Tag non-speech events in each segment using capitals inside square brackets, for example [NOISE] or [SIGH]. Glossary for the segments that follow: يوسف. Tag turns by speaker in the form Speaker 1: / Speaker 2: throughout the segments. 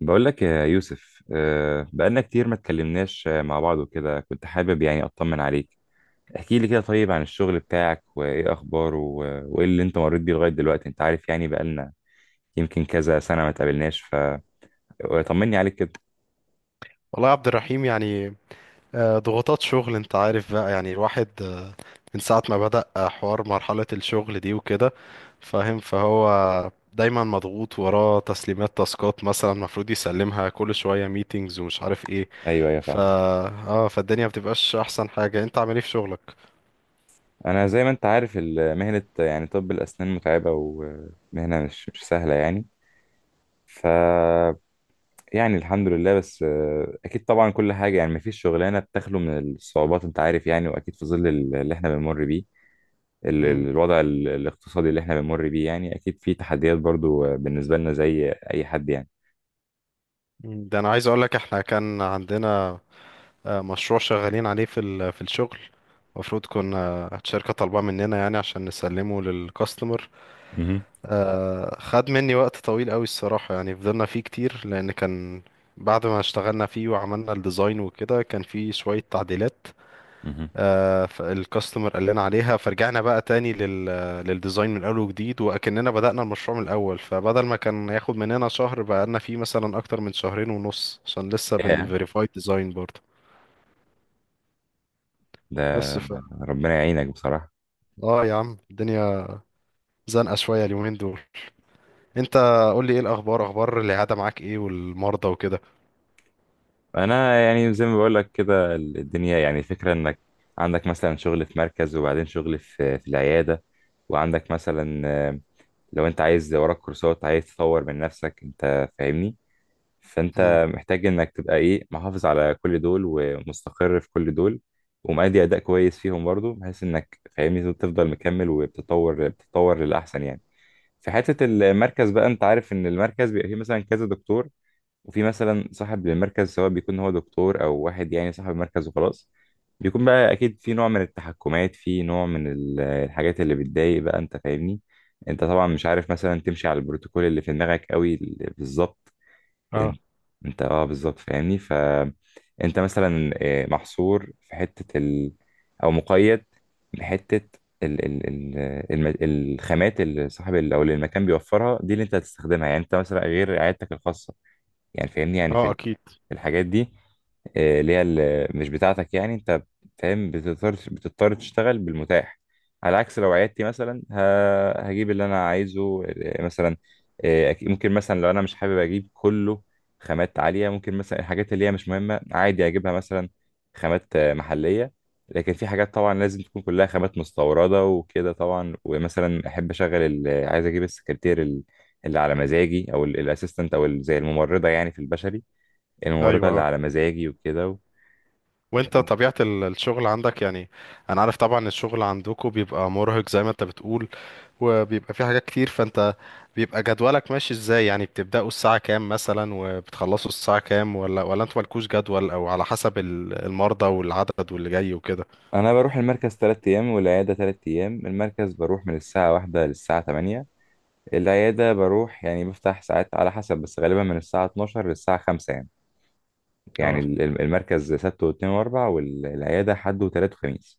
Speaker 1: بقول لك يا يوسف، آه، بقالنا كتير ما اتكلمناش، مع بعض وكده كنت حابب يعني اطمن عليك. احكي لي كده طيب عن الشغل بتاعك وايه اخباره وايه اللي انت مريت بيه لغاية دلوقتي. انت عارف، يعني بقالنا يمكن كذا سنة ما اتقابلناش، فطمني عليك كده.
Speaker 2: والله يا عبد الرحيم، يعني ضغوطات شغل. انت عارف بقى يعني، الواحد من ساعة ما بدأ حوار مرحلة الشغل دي وكده، فاهم؟ فهو دايما مضغوط وراه تسليمات، تاسكات مثلا المفروض يسلمها كل شوية، ميتينجز ومش عارف ايه.
Speaker 1: ايوه، ايوه،
Speaker 2: فا
Speaker 1: فاهم.
Speaker 2: اه فالدنيا بتبقاش احسن حاجة. انت عامل ايه في شغلك؟
Speaker 1: انا زي ما انت عارف، مهنة يعني طب الاسنان متعبة، ومهنة مش سهلة يعني. ف يعني الحمد لله، بس اكيد طبعا كل حاجه، يعني مفيش شغلانه بتخلو من الصعوبات، انت عارف يعني. واكيد في ظل اللي احنا بنمر بيه،
Speaker 2: امم
Speaker 1: الوضع الاقتصادي اللي احنا بنمر بيه، يعني اكيد في تحديات برضو، بالنسبة لنا زي اي حد يعني.
Speaker 2: ده انا عايز اقولك، احنا كان عندنا مشروع شغالين عليه في في الشغل. المفروض كنا الشركة طالباه مننا، يعني عشان نسلمه للكاستمر.
Speaker 1: مهم.
Speaker 2: خد مني وقت طويل قوي الصراحة، يعني فضلنا فيه كتير، لأن كان بعد ما اشتغلنا فيه وعملنا الديزاين وكده، كان فيه شوية تعديلات
Speaker 1: مهم.
Speaker 2: فالكاستمر قال لنا عليها. فرجعنا بقى تاني للديزاين من أول وجديد، وأكننا بدأنا المشروع من الأول. فبدل ما كان ياخد مننا شهر، بقالنا فيه مثلا أكتر من شهرين ونص، عشان لسه
Speaker 1: ياه.
Speaker 2: بنفيريفاي ديزاين برضه.
Speaker 1: ده
Speaker 2: بس ف
Speaker 1: ربنا يعينك بصراحة.
Speaker 2: اه يا عم، الدنيا زنقة شوية اليومين دول. انت، قول لي ايه الأخبار؟ أخبار العيادة معاك ايه والمرضى وكده؟
Speaker 1: أنا يعني زي ما بقولك كده، الدنيا، يعني الفكرة إنك عندك مثلا شغل في مركز، وبعدين شغل في العيادة، وعندك مثلا لو أنت عايز وراك كورسات، عايز تطور من نفسك، أنت فاهمني.
Speaker 2: مم.
Speaker 1: فانت محتاج انك تبقى ايه، محافظ على كل دول ومستقر في كل دول، ومأدي اداء كويس فيهم برضو، بحيث انك فاهمني تفضل مكمل وبتطور، بتطور للاحسن يعني. في حته المركز بقى، انت عارف ان المركز بيبقى فيه مثلا كذا دكتور، وفي مثلا صاحب للمركز، سواء بيكون هو دكتور او واحد يعني صاحب المركز وخلاص، بيكون بقى اكيد في نوع من التحكمات، في نوع من الحاجات اللي بتضايق بقى، انت فاهمني. انت طبعا مش عارف مثلا تمشي على البروتوكول اللي في دماغك قوي بالظبط.
Speaker 2: اه،
Speaker 1: انت انت، اه، بالظبط، فاهمني. فانت مثلا محصور في حته او مقيد بحته، ال... ال... ال... الخامات اللي صاحب او اللي المكان بيوفرها دي، اللي انت هتستخدمها. يعني انت مثلا غير عيادتك الخاصه، يعني فاهمني، يعني
Speaker 2: اه، اكيد.
Speaker 1: في الحاجات دي، اللي هي مش بتاعتك، يعني انت فاهم، بتضطر تشتغل بالمتاح. على عكس لو عيادتي مثلا، هجيب اللي انا عايزه، مثلا، ممكن مثلا لو انا مش حابب اجيب كله خامات عالية، ممكن مثلا الحاجات اللي هي مش مهمة عادي اجيبها، مثلا خامات محلية. لكن في حاجات طبعا لازم تكون كلها خامات مستوردة وكده طبعا، ومثلا احب اشغل عايز اجيب السكرتير اللي على مزاجي، او الاسيستنت، او زي الممرضة يعني في البشري، الممرضة
Speaker 2: ايوه،
Speaker 1: اللي
Speaker 2: اه.
Speaker 1: على مزاجي وكده.
Speaker 2: وانت، طبيعة الشغل عندك يعني؟ انا عارف طبعا الشغل عندكم بيبقى مرهق زي ما انت بتقول، وبيبقى فيه حاجات كتير. فانت، بيبقى جدولك ماشي ازاي يعني؟ بتبدأوا الساعة كام مثلا وبتخلصوا الساعة كام؟ ولا انتوا مالكوش جدول، او على حسب المرضى والعدد واللي جاي وكده؟
Speaker 1: انا بروح المركز 3 ايام، والعياده 3 ايام. المركز بروح من الساعه واحدة للساعه تمانية، العياده بروح يعني بفتح ساعات على حسب، بس غالبا من الساعه 12 للساعه 5 يعني. يعني
Speaker 2: اه.
Speaker 1: المركز سبت واثنين واربع، والعياده حد وتلات وخميس.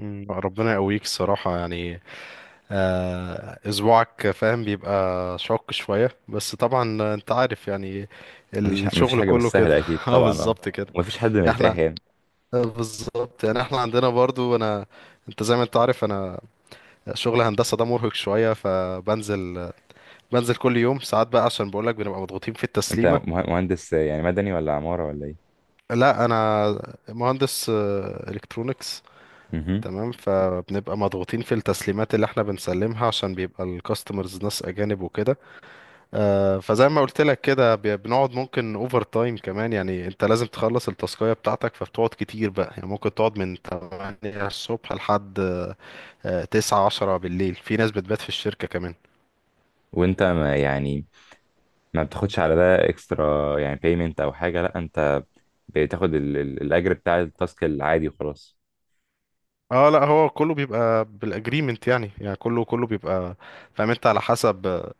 Speaker 2: ربنا يقويك الصراحة يعني. اسبوعك فاهم بيبقى شاق شوية، بس طبعا انت عارف يعني
Speaker 1: مفيش
Speaker 2: الشغل
Speaker 1: حاجه
Speaker 2: كله كده.
Speaker 1: بالسهله اكيد
Speaker 2: [LAUGHS] اه،
Speaker 1: طبعا، اه.
Speaker 2: بالظبط كده.
Speaker 1: ومفيش حد مرتاح
Speaker 2: احنا
Speaker 1: يعني.
Speaker 2: بالظبط، يعني احنا عندنا برضو. انا، انت زي ما انت عارف، انا شغل هندسة ده مرهق شوية، بنزل كل يوم ساعات بقى، عشان بقولك بنبقى مضغوطين في
Speaker 1: انت
Speaker 2: التسليمة.
Speaker 1: مهندس يعني، مدني ولا عماره ولا ايه؟
Speaker 2: لا، انا مهندس الكترونكس.
Speaker 1: مهم.
Speaker 2: تمام، فبنبقى مضغوطين في التسليمات اللي احنا بنسلمها، عشان بيبقى الكاستمرز ناس اجانب وكده. فزي ما قلت لك كده، بنقعد ممكن اوفر تايم كمان. يعني انت لازم تخلص التاسكية بتاعتك، فبتقعد كتير بقى، يعني ممكن تقعد من 8 الصبح لحد 9 10 بالليل. في ناس بتبات في الشركة كمان.
Speaker 1: وانت ما يعني، ما بتاخدش على ده اكسترا يعني، بيمنت او حاجه؟ لا انت بتاخد الاجر بتاع التاسك العادي وخلاص.
Speaker 2: اه لا، هو كله بيبقى بالاجريمنت، يعني كله بيبقى، فاهم انت، على حسب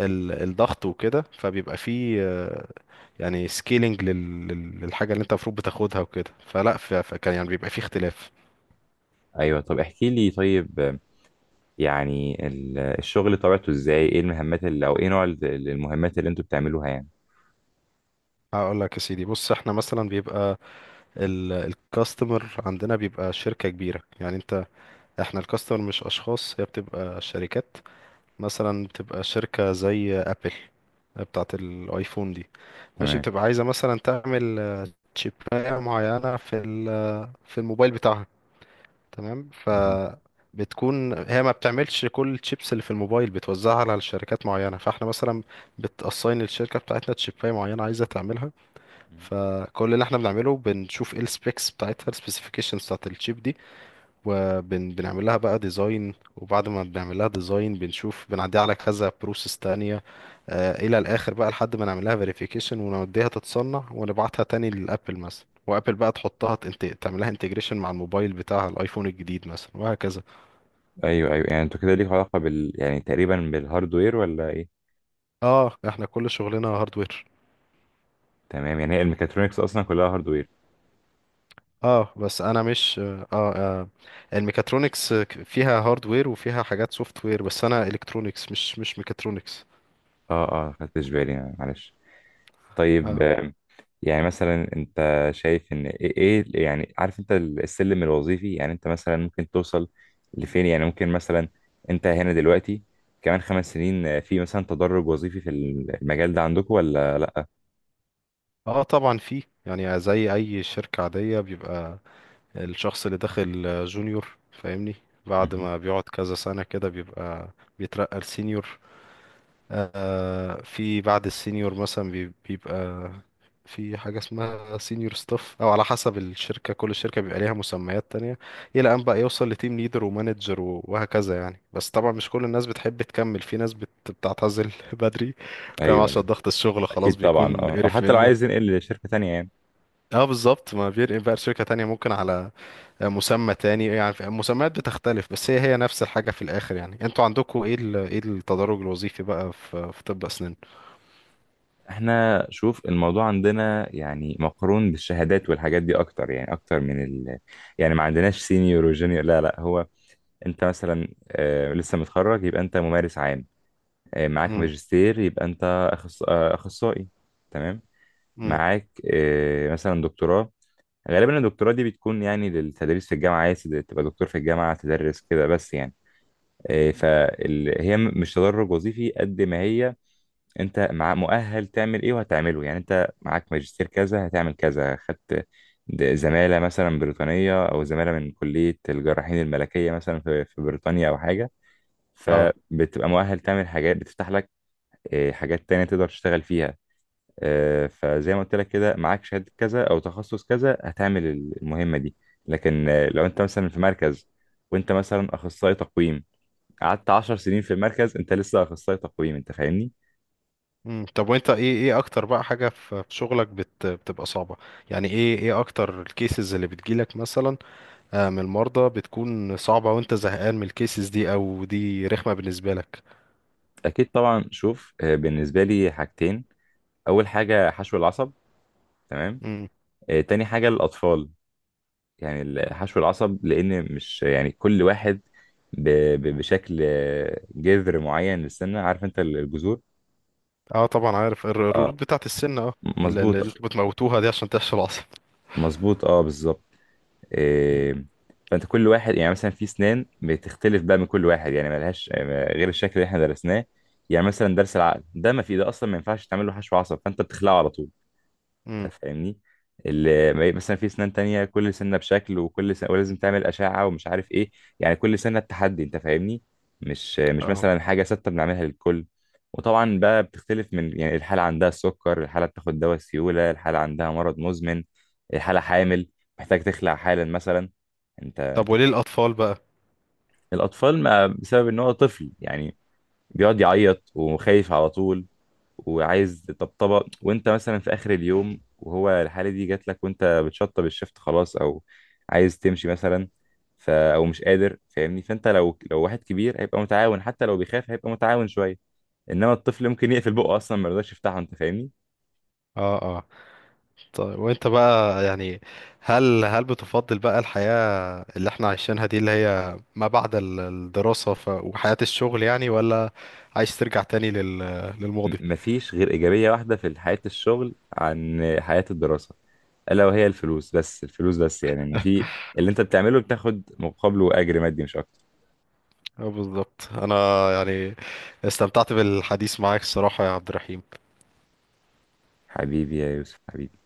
Speaker 2: الضغط وكده. فبيبقى فيه يعني سكيلينج للحاجة اللي انت المفروض بتاخدها وكده، فلا. فكان يعني بيبقى فيه اختلاف.
Speaker 1: ايوه، طب احكي لي طيب، يعني الشغل طبيعته ازاي، ايه المهمات اللي، او ايه نوع المهمات اللي انتوا بتعملوها يعني؟
Speaker 2: هقول لك يا سيدي. بص، احنا مثلا بيبقى الكاستمر عندنا بيبقى شركة كبيرة. يعني انت، احنا الكاستمر مش اشخاص، هي بتبقى شركات. مثلا بتبقى شركة زي ابل بتاعة الايفون دي. ماشي،
Speaker 1: تمام.
Speaker 2: بتبقى عايزة مثلا تعمل تشيباية معينة في في الموبايل بتاعها، تمام.
Speaker 1: مهم.
Speaker 2: بتكون هي ما بتعملش كل الشيبس اللي في الموبايل، بتوزعها على شركات معينة. فاحنا مثلا بتأساين الشركة بتاعتنا تشيباية معينة عايزة تعملها.
Speaker 1: مهم.
Speaker 2: فكل اللي احنا بنعمله، بنشوف ايه السبيكس بتاعتها، السبيسيفيكيشنز بتاعت الشيب. وبنعمل لها بقى ديزاين. وبعد ما بنعمل لها ديزاين، بنشوف بنعديها على كذا بروسيس تانية الى الاخر بقى، لحد ما نعمل لها فيريفيكيشن ونوديها تتصنع، ونبعتها تاني للابل مثلا. وابل بقى تحطها، تعملها انتجريشن مع الموبايل بتاع الايفون الجديد مثلا، وهكذا.
Speaker 1: ايوه، ايوه. يعني انتوا كده ليكوا علاقه بال، يعني تقريبا بالهاردوير ولا ايه؟
Speaker 2: اه، احنا كل شغلنا هاردوير.
Speaker 1: تمام، يعني هي الميكاترونكس اصلا كلها هاردوير.
Speaker 2: اه، بس انا مش الميكاترونكس فيها هاردوير وفيها حاجات سوفت وير، بس انا الكترونكس، مش ميكاترونكس.
Speaker 1: اه اه، خدتش بالي، معلش. طيب، يعني مثلا انت شايف ان ايه، يعني عارف انت السلم الوظيفي، يعني انت مثلا ممكن توصل لفين؟ يعني ممكن مثلا انت هنا دلوقتي، كمان 5 سنين، في مثلا تدرج وظيفي في المجال ده عندكم ولا لا؟
Speaker 2: اه طبعا فيه. يعني زي اي شركة عادية، بيبقى الشخص اللي داخل جونيور فاهمني، بعد
Speaker 1: مهم.
Speaker 2: ما بيقعد كذا سنة كده بيبقى بيترقى لسينيور. في بعد السينيور مثلا بيبقى في حاجة اسمها سينيور ستاف، او على حسب الشركة، كل شركة بيبقى ليها مسميات تانية، الى ان بقى يوصل لتيم ليدر ومانجر وهكذا يعني. بس طبعا مش كل الناس بتحب تكمل، في ناس بتعتزل [LAUGHS] بدري، فاهم،
Speaker 1: ايوه،
Speaker 2: عشان
Speaker 1: ايوه.
Speaker 2: ضغط الشغل خلاص
Speaker 1: اكيد طبعا
Speaker 2: بيكون
Speaker 1: اه، او
Speaker 2: قرف
Speaker 1: حتى لو
Speaker 2: منه.
Speaker 1: عايز ينقل لشركة تانية يعني.
Speaker 2: اه بالظبط، ما بيرقم بقى لشركة تانية، ممكن على مسمى تاني، يعني المسميات بتختلف، بس هي هي نفس الحاجة في الآخر. يعني انتوا عندكم ايه، ايه التدرج الوظيفي بقى في طب أسنان؟
Speaker 1: احنا شوف الموضوع عندنا يعني مقرون بالشهادات والحاجات دي اكتر، يعني اكتر من ال، يعني ما عندناش سينيور وجونيور، لا لا. هو انت مثلا لسه متخرج يبقى انت ممارس عام، معاك
Speaker 2: امم.
Speaker 1: ماجستير يبقى انت أخص... آه، اخصائي. تمام.
Speaker 2: امم.
Speaker 1: معاك مثلا دكتوراه، غالبا الدكتوراه دي بتكون يعني للتدريس في الجامعه، عايز تبقى دكتور في الجامعه تدرس كده بس يعني. فهي مش تدرج وظيفي قد ما هي انت مع مؤهل تعمل ايه وهتعمله، يعني انت معاك ماجستير كذا هتعمل كذا، خدت زماله مثلا بريطانيه، او زماله من كليه الجراحين الملكيه مثلا في بريطانيا او حاجه،
Speaker 2: اه.
Speaker 1: فبتبقى مؤهل تعمل حاجات بتفتح لك حاجات تانية تقدر تشتغل فيها. فزي ما قلت لك كده، معاك شهادة كذا أو تخصص كذا هتعمل المهمة دي. لكن لو أنت مثلا في مركز وأنت مثلا أخصائي تقويم، قعدت 10 سنين في المركز أنت لسه أخصائي تقويم، أنت فاهمني؟
Speaker 2: امم. طب وانت، ايه اكتر بقى حاجة في شغلك بتبقى صعبة؟ يعني، ايه اكتر الكيسز اللي بتجيلك مثلا من المرضى، بتكون صعبة، وانت زهقان من الكيسز دي، او دي رخمة بالنسبة لك؟
Speaker 1: أكيد طبعا. شوف بالنسبة لي حاجتين. أول حاجة حشو العصب. تمام.
Speaker 2: امم.
Speaker 1: تاني حاجة الأطفال. يعني الحشو العصب، لان مش يعني كل واحد ب... بشكل جذر معين للسنه، عارف انت الجذور.
Speaker 2: اه، طبعا عارف الروت
Speaker 1: اه،
Speaker 2: بتاعت السن، اه. اللي
Speaker 1: مظبوط.
Speaker 2: انتوا بتموتوها دي عشان تحشي العصب.
Speaker 1: مظبوط، اه، بالظبط. إيه... فانت كل واحد يعني مثلا في سنان بتختلف بقى من كل واحد، يعني ملهاش غير الشكل اللي احنا درسناه. يعني مثلا درس العقل ده ما في، ده اصلا ما ينفعش تعمل له حشو عصب، فانت بتخلعه على طول.
Speaker 2: امم.
Speaker 1: انت فاهمني. اللي مثلا في سنان تانية كل سنة بشكل، وكل سنة ولازم تعمل أشعة ومش عارف إيه، يعني كل سنة التحدي، أنت فاهمني. مش
Speaker 2: اه.
Speaker 1: مثلا حاجة ثابتة بنعملها للكل. وطبعا بقى بتختلف من، يعني الحالة عندها السكر، الحالة بتاخد دواء سيولة، الحالة عندها مرض مزمن، الحالة حامل، محتاج تخلع حالا مثلا. أنت
Speaker 2: طب
Speaker 1: أنت
Speaker 2: وليه
Speaker 1: فاهم.
Speaker 2: الأطفال بقى؟
Speaker 1: الأطفال ما بسبب إن هو طفل يعني، بيقعد يعيط وخايف على طول، وعايز طبطبه، وانت مثلا في اخر اليوم وهو الحاله دي جات لك، وانت بتشطب الشفت خلاص، او عايز تمشي مثلا، ف او مش قادر فاهمني. فانت لو واحد كبير هيبقى متعاون، حتى لو بيخاف هيبقى متعاون شويه، انما الطفل ممكن يقفل بقه اصلا ما يرضاش يفتحه. انت فاهمني.
Speaker 2: اه. اه، طيب وانت بقى يعني، هل بتفضل بقى الحياة اللي احنا عايشينها دي، اللي هي ما بعد الدراسة، وحياة الشغل يعني، ولا عايز ترجع تاني للماضي؟
Speaker 1: مفيش غير ايجابيه واحده في حياه الشغل عن حياه الدراسه، الا وهي الفلوس، بس الفلوس بس يعني، ان في اللي انت بتعمله بتاخد مقابله اجر مادي، مش اكتر.
Speaker 2: اه بالظبط. انا يعني استمتعت بالحديث معاك الصراحة يا عبد الرحيم.
Speaker 1: حبيبي يا يوسف، حبيبي.